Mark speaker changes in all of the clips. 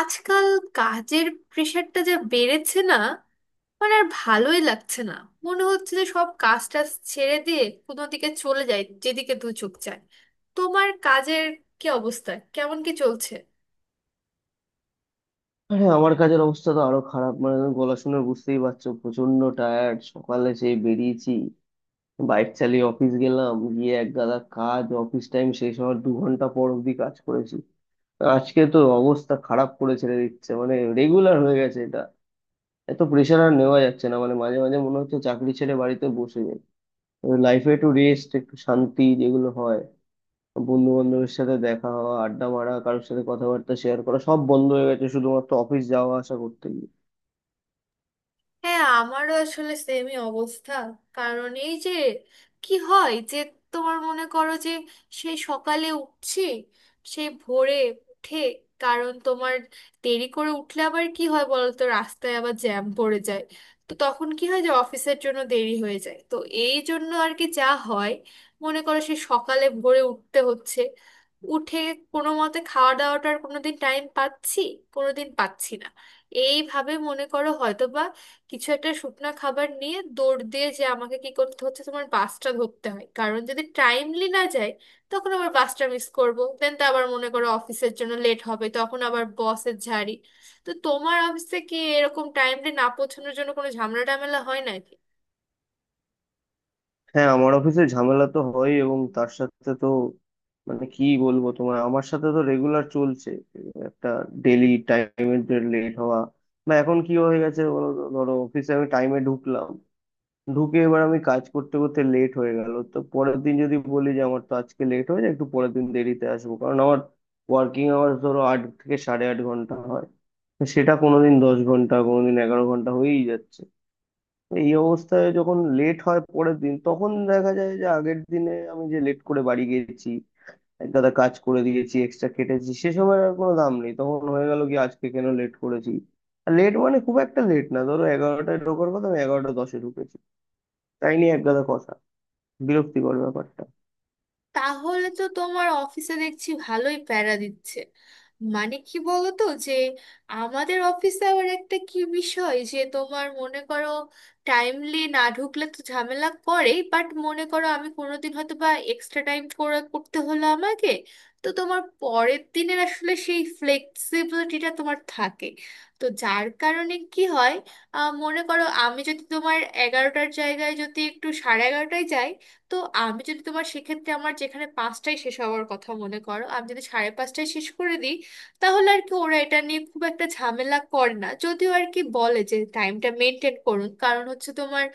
Speaker 1: আজকাল কাজের প্রেশারটা যা বেড়েছে না, মানে আর ভালোই লাগছে না। মনে হচ্ছে যে সব কাজ টাজ ছেড়ে দিয়ে কোনো দিকে চলে যায়, যেদিকে দু চোখ যায়। তোমার কাজের কি অবস্থা, কেমন কি চলছে?
Speaker 2: হ্যাঁ, আমার কাজের অবস্থা তো আরো খারাপ। মানে গলা শুনে বুঝতেই পারছো, প্রচন্ড টায়ার্ড। সকালে সেই বেরিয়েছি, বাইক চালিয়ে অফিস গেলাম, গিয়ে এক গাদা কাজ। অফিস টাইম শেষ হওয়ার 2 ঘন্টা পর অবধি কাজ করেছি। আজকে তো অবস্থা খারাপ করে ছেড়ে দিচ্ছে, মানে রেগুলার হয়ে গেছে এটা। এত প্রেশার আর নেওয়া যাচ্ছে না, মানে মাঝে মাঝে মনে হচ্ছে চাকরি ছেড়ে বাড়িতে বসে যাই। লাইফে একটু রেস্ট, একটু শান্তি যেগুলো হয়, বন্ধু বান্ধবের সাথে দেখা হওয়া, আড্ডা মারা, কারোর সাথে কথাবার্তা শেয়ার করা, সব বন্ধ হয়ে গেছে শুধুমাত্র অফিস যাওয়া আসা করতে গিয়ে।
Speaker 1: হ্যাঁ, আমারও আসলে সেমই অবস্থা। কারণ এই যে কি হয় যে, তোমার মনে করো যে সেই সকালে উঠছি, সেই ভোরে উঠে, কারণ তোমার দেরি করে উঠলে আবার কি হয় বলো তো, রাস্তায় আবার জ্যাম পড়ে যায়। তো তখন কি হয় যে অফিসের জন্য দেরি হয়ে যায়, তো এই জন্য আর কি যা হয়, মনে করো সেই সকালে ভোরে উঠতে হচ্ছে, উঠে কোনো মতে খাওয়া দাওয়াটার কোনোদিন টাইম পাচ্ছি, কোনোদিন পাচ্ছি না। এইভাবে মনে করো হয়তোবা কিছু একটা শুকনা খাবার নিয়ে দৌড় দিয়ে, যে আমাকে কি করতে হচ্ছে, তোমার বাসটা ধরতে হয় কারণ যদি টাইমলি না যায়, তখন আবার বাসটা মিস করব। দেন তো আবার মনে করো অফিসের জন্য লেট হবে, তখন আবার বসের ঝাড়ি। তো তোমার অফিসে কি এরকম টাইমলি না পৌঁছানোর জন্য কোনো ঝামেলা টামেলা হয় নাকি?
Speaker 2: হ্যাঁ, আমার অফিসে ঝামেলা তো হয়, এবং তার সাথে তো মানে কি বলবো, তোমার আমার সাথে তো রেগুলার চলছে একটা ডেলি টাইমের যে লেট হওয়া। বা এখন কি হয়ে গেছে বলো তো, ধরো অফিসে আমি টাইমে ঢুকলাম, ঢুকে এবার আমি কাজ করতে করতে লেট হয়ে গেল, তো পরের দিন যদি বলি যে আমার তো আজকে লেট হয়ে যায় একটু, পরের দিন দেরিতে আসবো, কারণ আমার ওয়ার্কিং আওয়ার্স ধরো 8 থেকে সাড়ে 8 ঘন্টা হয়। তো সেটা কোনোদিন 10 ঘন্টা, কোনোদিন 11 ঘন্টা হয়েই যাচ্ছে। এই অবস্থায় যখন লেট হয় পরের দিন, তখন দেখা যায় যে আগের দিনে আমি যে লেট করে বাড়ি গেছি, এক গাদা কাজ করে দিয়েছি, এক্সট্রা খেটেছি, সে সময় আর কোনো দাম নেই। তখন হয়ে গেল কি, আজকে কেন লেট করেছি। আর লেট মানে খুব একটা লেট না, ধরো 11টায় ঢোকার কথা, আমি 11টা 10-এ ঢুকেছি। তাই নিয়ে এক গাদা কথা, বিরক্তিকর ব্যাপারটা।
Speaker 1: তাহলে তো তোমার অফিসে দেখছি ভালোই প্যারা দিচ্ছে। মানে কি বলতো যে আমাদের অফিসে আবার একটা কি বিষয় যে, তোমার মনে করো টাইমলি না ঢুকলে তো ঝামেলা করেই, বাট মনে করো আমি কোনোদিন হয়তো বা এক্সট্রা টাইম করে করতে হলো আমাকে, তো তোমার পরের দিনের আসলে সেই ফ্লেক্সিবিলিটিটা তোমার থাকে। তো যার কারণে কি হয়, মনে করো আমি যদি তোমার এগারোটার জায়গায় যদি একটু সাড়ে এগারোটায় যাই, তো আমি যদি তোমার সেক্ষেত্রে, আমার যেখানে পাঁচটায় শেষ হওয়ার কথা, মনে করো আমি যদি সাড়ে পাঁচটায় শেষ করে দিই, তাহলে আর কি ওরা এটা নিয়ে খুব একটা ঝামেলা করে না। যদিও আর কি বলে যে টাইমটা মেনটেন করুন, কারণ হচ্ছে তোমার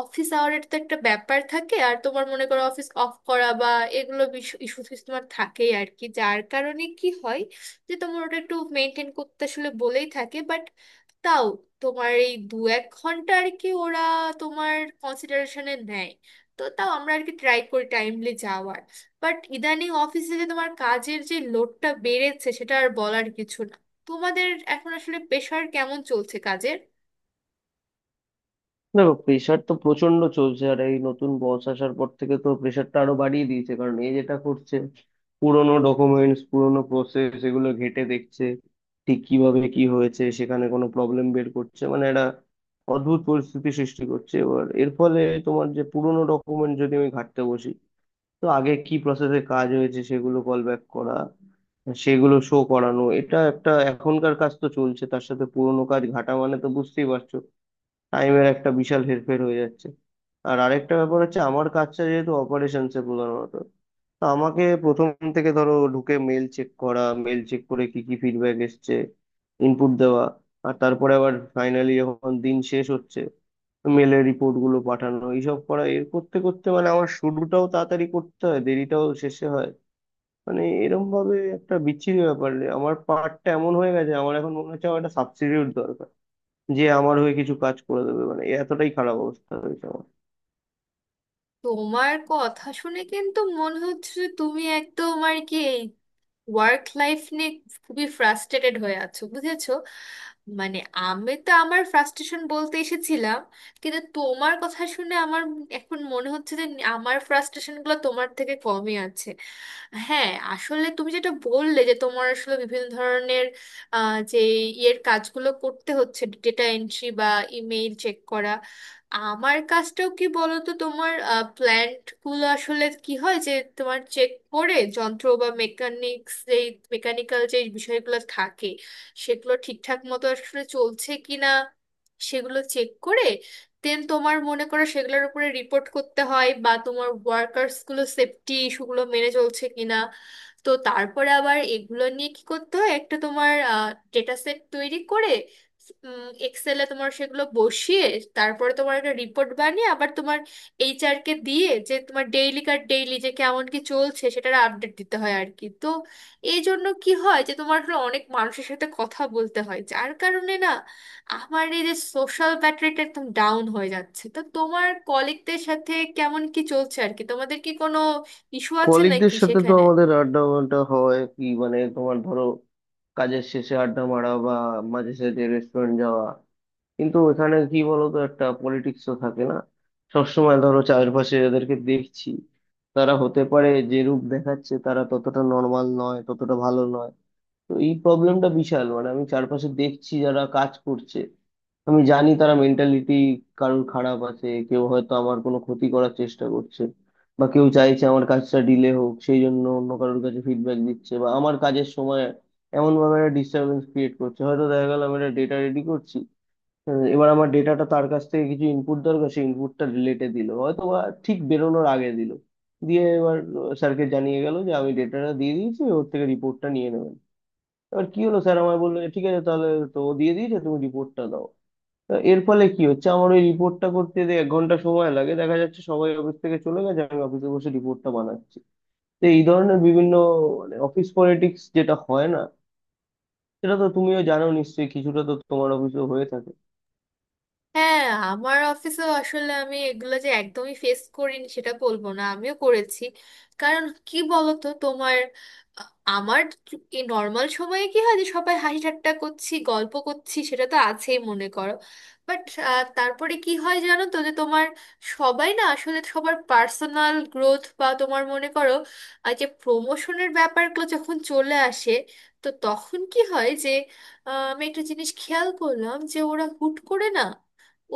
Speaker 1: অফিস আওয়ারের তো একটা ব্যাপার থাকে, আর তোমার মনে করো অফিস অফ করা বা এগুলো ইস্যু তোমার থাকেই আর কি, যার কারণে কি হয় যে তোমার ওটা একটু মেনটেন করতে আসলে বলেই থাকে। বাট তাও তোমার এই দু এক ঘন্টা আর কি ওরা তোমার কনসিডারেশনে নেয়। তো তাও আমরা আর কি ট্রাই করি টাইমলি যাওয়ার, বাট ইদানিং অফিসে যে তোমার কাজের যে লোডটা বেড়েছে সেটা আর বলার কিছু না। তোমাদের এখন আসলে প্রেশার কেমন চলছে কাজের?
Speaker 2: দেখো প্রেশার তো প্রচন্ড চলছে, আর এই নতুন বস আসার পর থেকে তো প্রেশারটা আরো বাড়িয়ে দিয়েছে। কারণ এ যেটা করছে, পুরোনো ডকুমেন্টস, পুরোনো প্রসেস এগুলো ঘেঁটে দেখছে, ঠিক কিভাবে কি হয়েছে, সেখানে কোনো প্রবলেম বের করছে। মানে একটা অদ্ভুত পরিস্থিতি সৃষ্টি করছে। এবার এর ফলে তোমার যে পুরোনো ডকুমেন্ট, যদি আমি ঘাঁটতে বসি, তো আগে কি প্রসেসে কাজ হয়েছে সেগুলো কল ব্যাক করা, সেগুলো শো করানো, এটা একটা এখনকার কাজ তো চলছে, তার সাথে পুরোনো কাজ ঘাটা, মানে তো বুঝতেই পারছো টাইমের একটা বিশাল হেরফের হয়ে যাচ্ছে। আর আরেকটা ব্যাপার হচ্ছে, আমার কাজটা যেহেতু অপারেশনসে প্রধানত, তো আমাকে প্রথম থেকে ধরো ঢুকে মেল চেক করা, মেল চেক করে কি কি ফিডব্যাক এসছে ইনপুট দেওয়া, আর তারপরে আবার ফাইনালি যখন দিন শেষ হচ্ছে মেলের রিপোর্ট গুলো পাঠানো, এইসব করা। এর করতে করতে মানে আমার শুরুটাও তাড়াতাড়ি করতে হয়, দেরিটাও শেষে হয়। মানে এরম ভাবে একটা বিচ্ছিরি ব্যাপার আমার পার্টটা এমন হয়ে গেছে, আমার এখন মনে হচ্ছে আমার একটা সাবস্টিটিউট দরকার, যে আমার হয়ে কিছু কাজ করে দেবে। মানে এতটাই খারাপ অবস্থা হয়েছে আমার।
Speaker 1: তোমার কথা শুনে কিন্তু মনে হচ্ছে যে তুমি একদম আর কি ওয়ার্ক লাইফ নিয়ে খুবই ফ্রাস্ট্রেটেড হয়ে আছো, বুঝেছো। মানে আমি তো আমার ফ্রাস্ট্রেশন বলতে এসেছিলাম, কিন্তু তোমার কথা শুনে আমার এখন মনে হচ্ছে যে আমার ফ্রাস্ট্রেশনগুলো তোমার থেকে কমই আছে। হ্যাঁ, আসলে তুমি যেটা বললে যে তোমার আসলে বিভিন্ন ধরনের যে ইয়ের কাজগুলো করতে হচ্ছে, ডেটা এন্ট্রি বা ইমেইল চেক করা, আমার কাজটাও কি বলতো তোমার, প্ল্যান্ট গুলো আসলে কি হয় যে তোমার চেক করে, যন্ত্র বা মেকানিক্স যেই মেকানিক্যাল যে বিষয়গুলো থাকে সেগুলো ঠিকঠাক মতো আসলে চলছে কিনা, সেগুলো চেক করে, দেন তোমার মনে করো সেগুলোর উপরে রিপোর্ট করতে হয়, বা তোমার ওয়ার্কার্স গুলো সেফটি ইস্যুগুলো মেনে চলছে কিনা। তো তারপরে আবার এগুলো নিয়ে কি করতে হয়, একটা তোমার ডেটা সেট তৈরি করে এক্সেলে তোমার সেগুলো বসিয়ে, তারপরে তোমার একটা রিপোর্ট বানিয়ে আবার তোমার এইচআর কে দিয়ে, যে তোমার ডেইলি কার ডেইলি যে কেমন কি চলছে সেটার আপডেট দিতে হয় আর কি। তো এই জন্য কি হয় যে তোমার আসলে অনেক মানুষের সাথে কথা বলতে হয়, যার কারণে না আমার এই যে সোশ্যাল ব্যাটারিটা একদম ডাউন হয়ে যাচ্ছে। তো তোমার কলিগদের সাথে কেমন কি চলছে আর কি, তোমাদের কি কোনো ইস্যু আছে
Speaker 2: কলিগদের
Speaker 1: নাকি
Speaker 2: সাথে তো
Speaker 1: সেখানে?
Speaker 2: আমাদের আড্ডা মাড্ডা হয় কি, মানে তোমার ধরো কাজের শেষে আড্ডা মারা, বা মাঝে সাঝে রেস্টুরেন্ট যাওয়া, কিন্তু ওখানে কি বলতো একটা পলিটিক্স তো থাকে না। সবসময় ধরো চারপাশে যাদেরকে দেখছি, তারা হতে পারে যে রূপ দেখাচ্ছে তারা ততটা নর্মাল নয়, ততটা ভালো নয়। তো এই প্রবলেমটা বিশাল। মানে আমি চারপাশে দেখছি যারা কাজ করছে, আমি জানি তারা মেন্টালিটি কারোর খারাপ আছে, কেউ হয়তো আমার কোনো ক্ষতি করার চেষ্টা করছে, বা কেউ চাইছে আমার কাজটা ডিলে হোক, সেই জন্য অন্য কারোর কাছে ফিডব্যাক দিচ্ছে, বা আমার কাজের সময় এমন ভাবে একটা ডিস্টারবেন্স ক্রিয়েট করছে। হয়তো দেখা গেল আমি একটা ডেটা রেডি করছি, এবার আমার ডেটাটা তার কাছ থেকে কিছু ইনপুট দরকার, সেই ইনপুটটা লেটে দিল, হয়তো বা ঠিক বেরোনোর আগে দিল। দিয়ে এবার স্যারকে জানিয়ে গেল যে আমি ডেটাটা দিয়ে দিয়েছি, ওর থেকে রিপোর্টটা নিয়ে নেবেন। এবার কি হলো, স্যার আমায় বললো যে, ঠিক আছে তাহলে, তো ও দিয়ে দিয়েছে, তুমি রিপোর্টটা দাও। তা এর ফলে কি হচ্ছে, আমার ওই রিপোর্টটা করতে যে 1 ঘন্টা সময় লাগে, দেখা যাচ্ছে সবাই অফিস থেকে চলে গেছে, আমি অফিসে বসে রিপোর্টটা বানাচ্ছি। তো এই ধরনের বিভিন্ন, মানে অফিস পলিটিক্স যেটা হয় না, সেটা তো তুমিও জানো নিশ্চয়ই, কিছুটা তো তোমার অফিসেও হয়ে থাকে।
Speaker 1: হ্যাঁ, আমার অফিসেও আসলে আমি এগুলো যে একদমই ফেস করিনি সেটা বলবো না, আমিও করেছি। কারণ কি বলতো তোমার, আ- আমার এই নর্মাল সময়ে কি হয় যে সবাই হাসি ঠাট্টা করছি, গল্প করছি, সেটা তো আছেই মনে করো। বাট তারপরে কি হয় জানো তো, যে তোমার সবাই না আসলে সবার পার্সোনাল গ্রোথ বা তোমার মনে করো যে প্রমোশনের ব্যাপারগুলো যখন চলে আসে, তো তখন কি হয় যে, আমি একটা জিনিস খেয়াল করলাম যে ওরা হুট করে না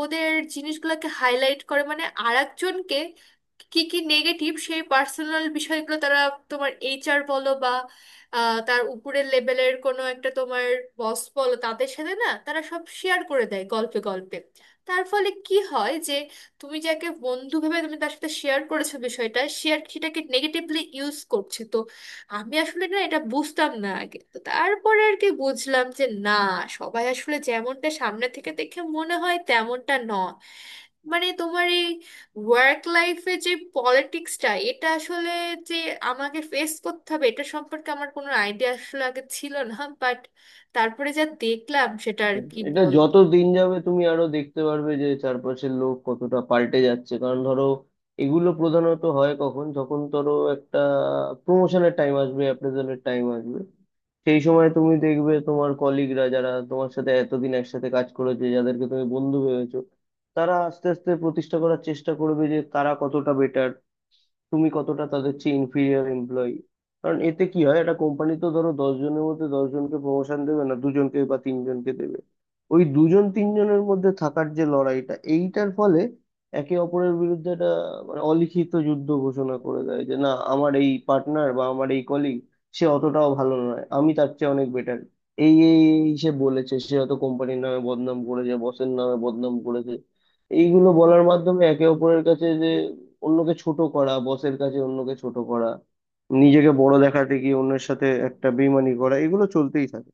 Speaker 1: ওদের জিনিসগুলোকে হাইলাইট করে, মানে আর একজনকে কি কি নেগেটিভ সেই পার্সোনাল বিষয়গুলো তারা তোমার এইচআর বলো বা তার উপরের লেভেলের কোনো একটা তোমার বস বলো, তাদের সাথে না তারা সব শেয়ার করে দেয় গল্পে গল্পে। তার ফলে কি হয় যে তুমি যাকে বন্ধু ভেবে তুমি তার সাথে শেয়ার করেছো বিষয়টা, শেয়ার সেটাকে নেগেটিভলি ইউজ করছে। আমি আসলে না এটা বুঝতাম না আগে, তো তারপরে আর কি বুঝলাম যে না, সবাই আসলে যেমনটা সামনে থেকে দেখে মনে হয় তেমনটা নয়। মানে তোমার এই ওয়ার্ক লাইফে যে পলিটিক্সটা, এটা আসলে যে আমাকে ফেস করতে হবে এটা সম্পর্কে আমার কোনো আইডিয়া আসলে আগে ছিল না। বাট তারপরে যা দেখলাম সেটা আর কি
Speaker 2: এটা যত
Speaker 1: বলবো।
Speaker 2: দিন যাবে তুমি আরো দেখতে পারবে যে চারপাশের লোক কতটা পাল্টে যাচ্ছে। কারণ ধরো এগুলো প্রধানত হয় কখন, যখন ধরো একটা প্রমোশনের টাইম আসবে, অ্যাপ্রেজালের টাইম আসবে, সেই সময় তুমি দেখবে তোমার কলিগরা যারা তোমার সাথে এতদিন একসাথে কাজ করেছে, যাদেরকে তুমি বন্ধু ভেবেছো, তারা আস্তে আস্তে প্রতিষ্ঠা করার চেষ্টা করবে যে তারা কতটা বেটার, তুমি কতটা তাদের চেয়ে ইনফিরিয়ার এমপ্লয়ি। কারণ এতে কি হয়, একটা কোম্পানি তো ধরো 10 জনের মধ্যে 10 জনকে প্রমোশন দেবে না, 2 জনকে বা 3 জনকে দেবে। ওই 2 জন 3 জনের মধ্যে থাকার যে লড়াইটা, এইটার ফলে একে অপরের বিরুদ্ধে একটা মানে অলিখিত যুদ্ধ ঘোষণা করে দেয়, যে না আমার এই পার্টনার বা আমার এই কলিগ সে অতটাও ভালো নয়, আমি তার চেয়ে অনেক বেটার। এই এই এই সে বলেছে, সে হয়তো কোম্পানির নামে বদনাম করেছে, বসের নামে বদনাম করেছে। এইগুলো বলার মাধ্যমে একে অপরের কাছে যে অন্যকে ছোট করা, বসের কাছে অন্যকে ছোট করা, নিজেকে বড় দেখাতে গিয়ে অন্যের সাথে একটা বেইমানি করা, এগুলো চলতেই থাকে।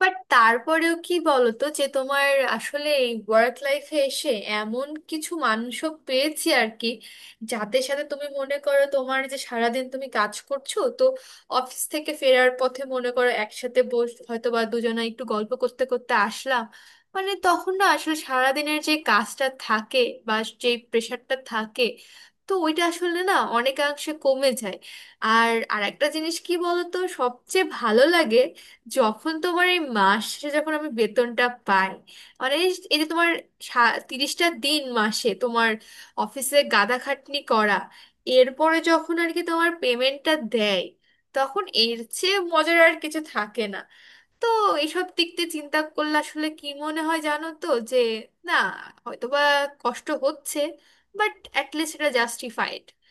Speaker 1: বাট তারপরেও কি বলতো যে তোমার আসলে এই ওয়ার্ক লাইফে এসে এমন কিছু মানুষও পেয়েছি আর কি, যাদের সাথে তুমি মনে করো তোমার যে সারাদিন তুমি কাজ করছো, তো অফিস থেকে ফেরার পথে মনে করো একসাথে বস হয়তো বা দুজনে একটু গল্প করতে করতে আসলাম, মানে তখন না আসলে সারাদিনের যে কাজটা থাকে বা যে প্রেশারটা থাকে, তো ওইটা আসলে না অনেকাংশে কমে যায়। আর আরেকটা জিনিস কি বলতো, সবচেয়ে ভালো লাগে যখন তোমার এই মাস শেষে যখন আমি বেতনটা পাই। মানে এই এই যে তোমার 30টা দিন মাসে তোমার অফিসে গাদা খাটনি করা, এরপরে যখন আর কি তোমার পেমেন্টটা দেয়, তখন এর চেয়ে মজার আর কিছু থাকে না। তো এইসব দিক দিয়ে চিন্তা করলে আসলে কি মনে হয় জানো তো যে, না হয়তোবা কষ্ট হচ্ছে, বাট অ্যাটলিস্ট এটা জাস্টিফাইড।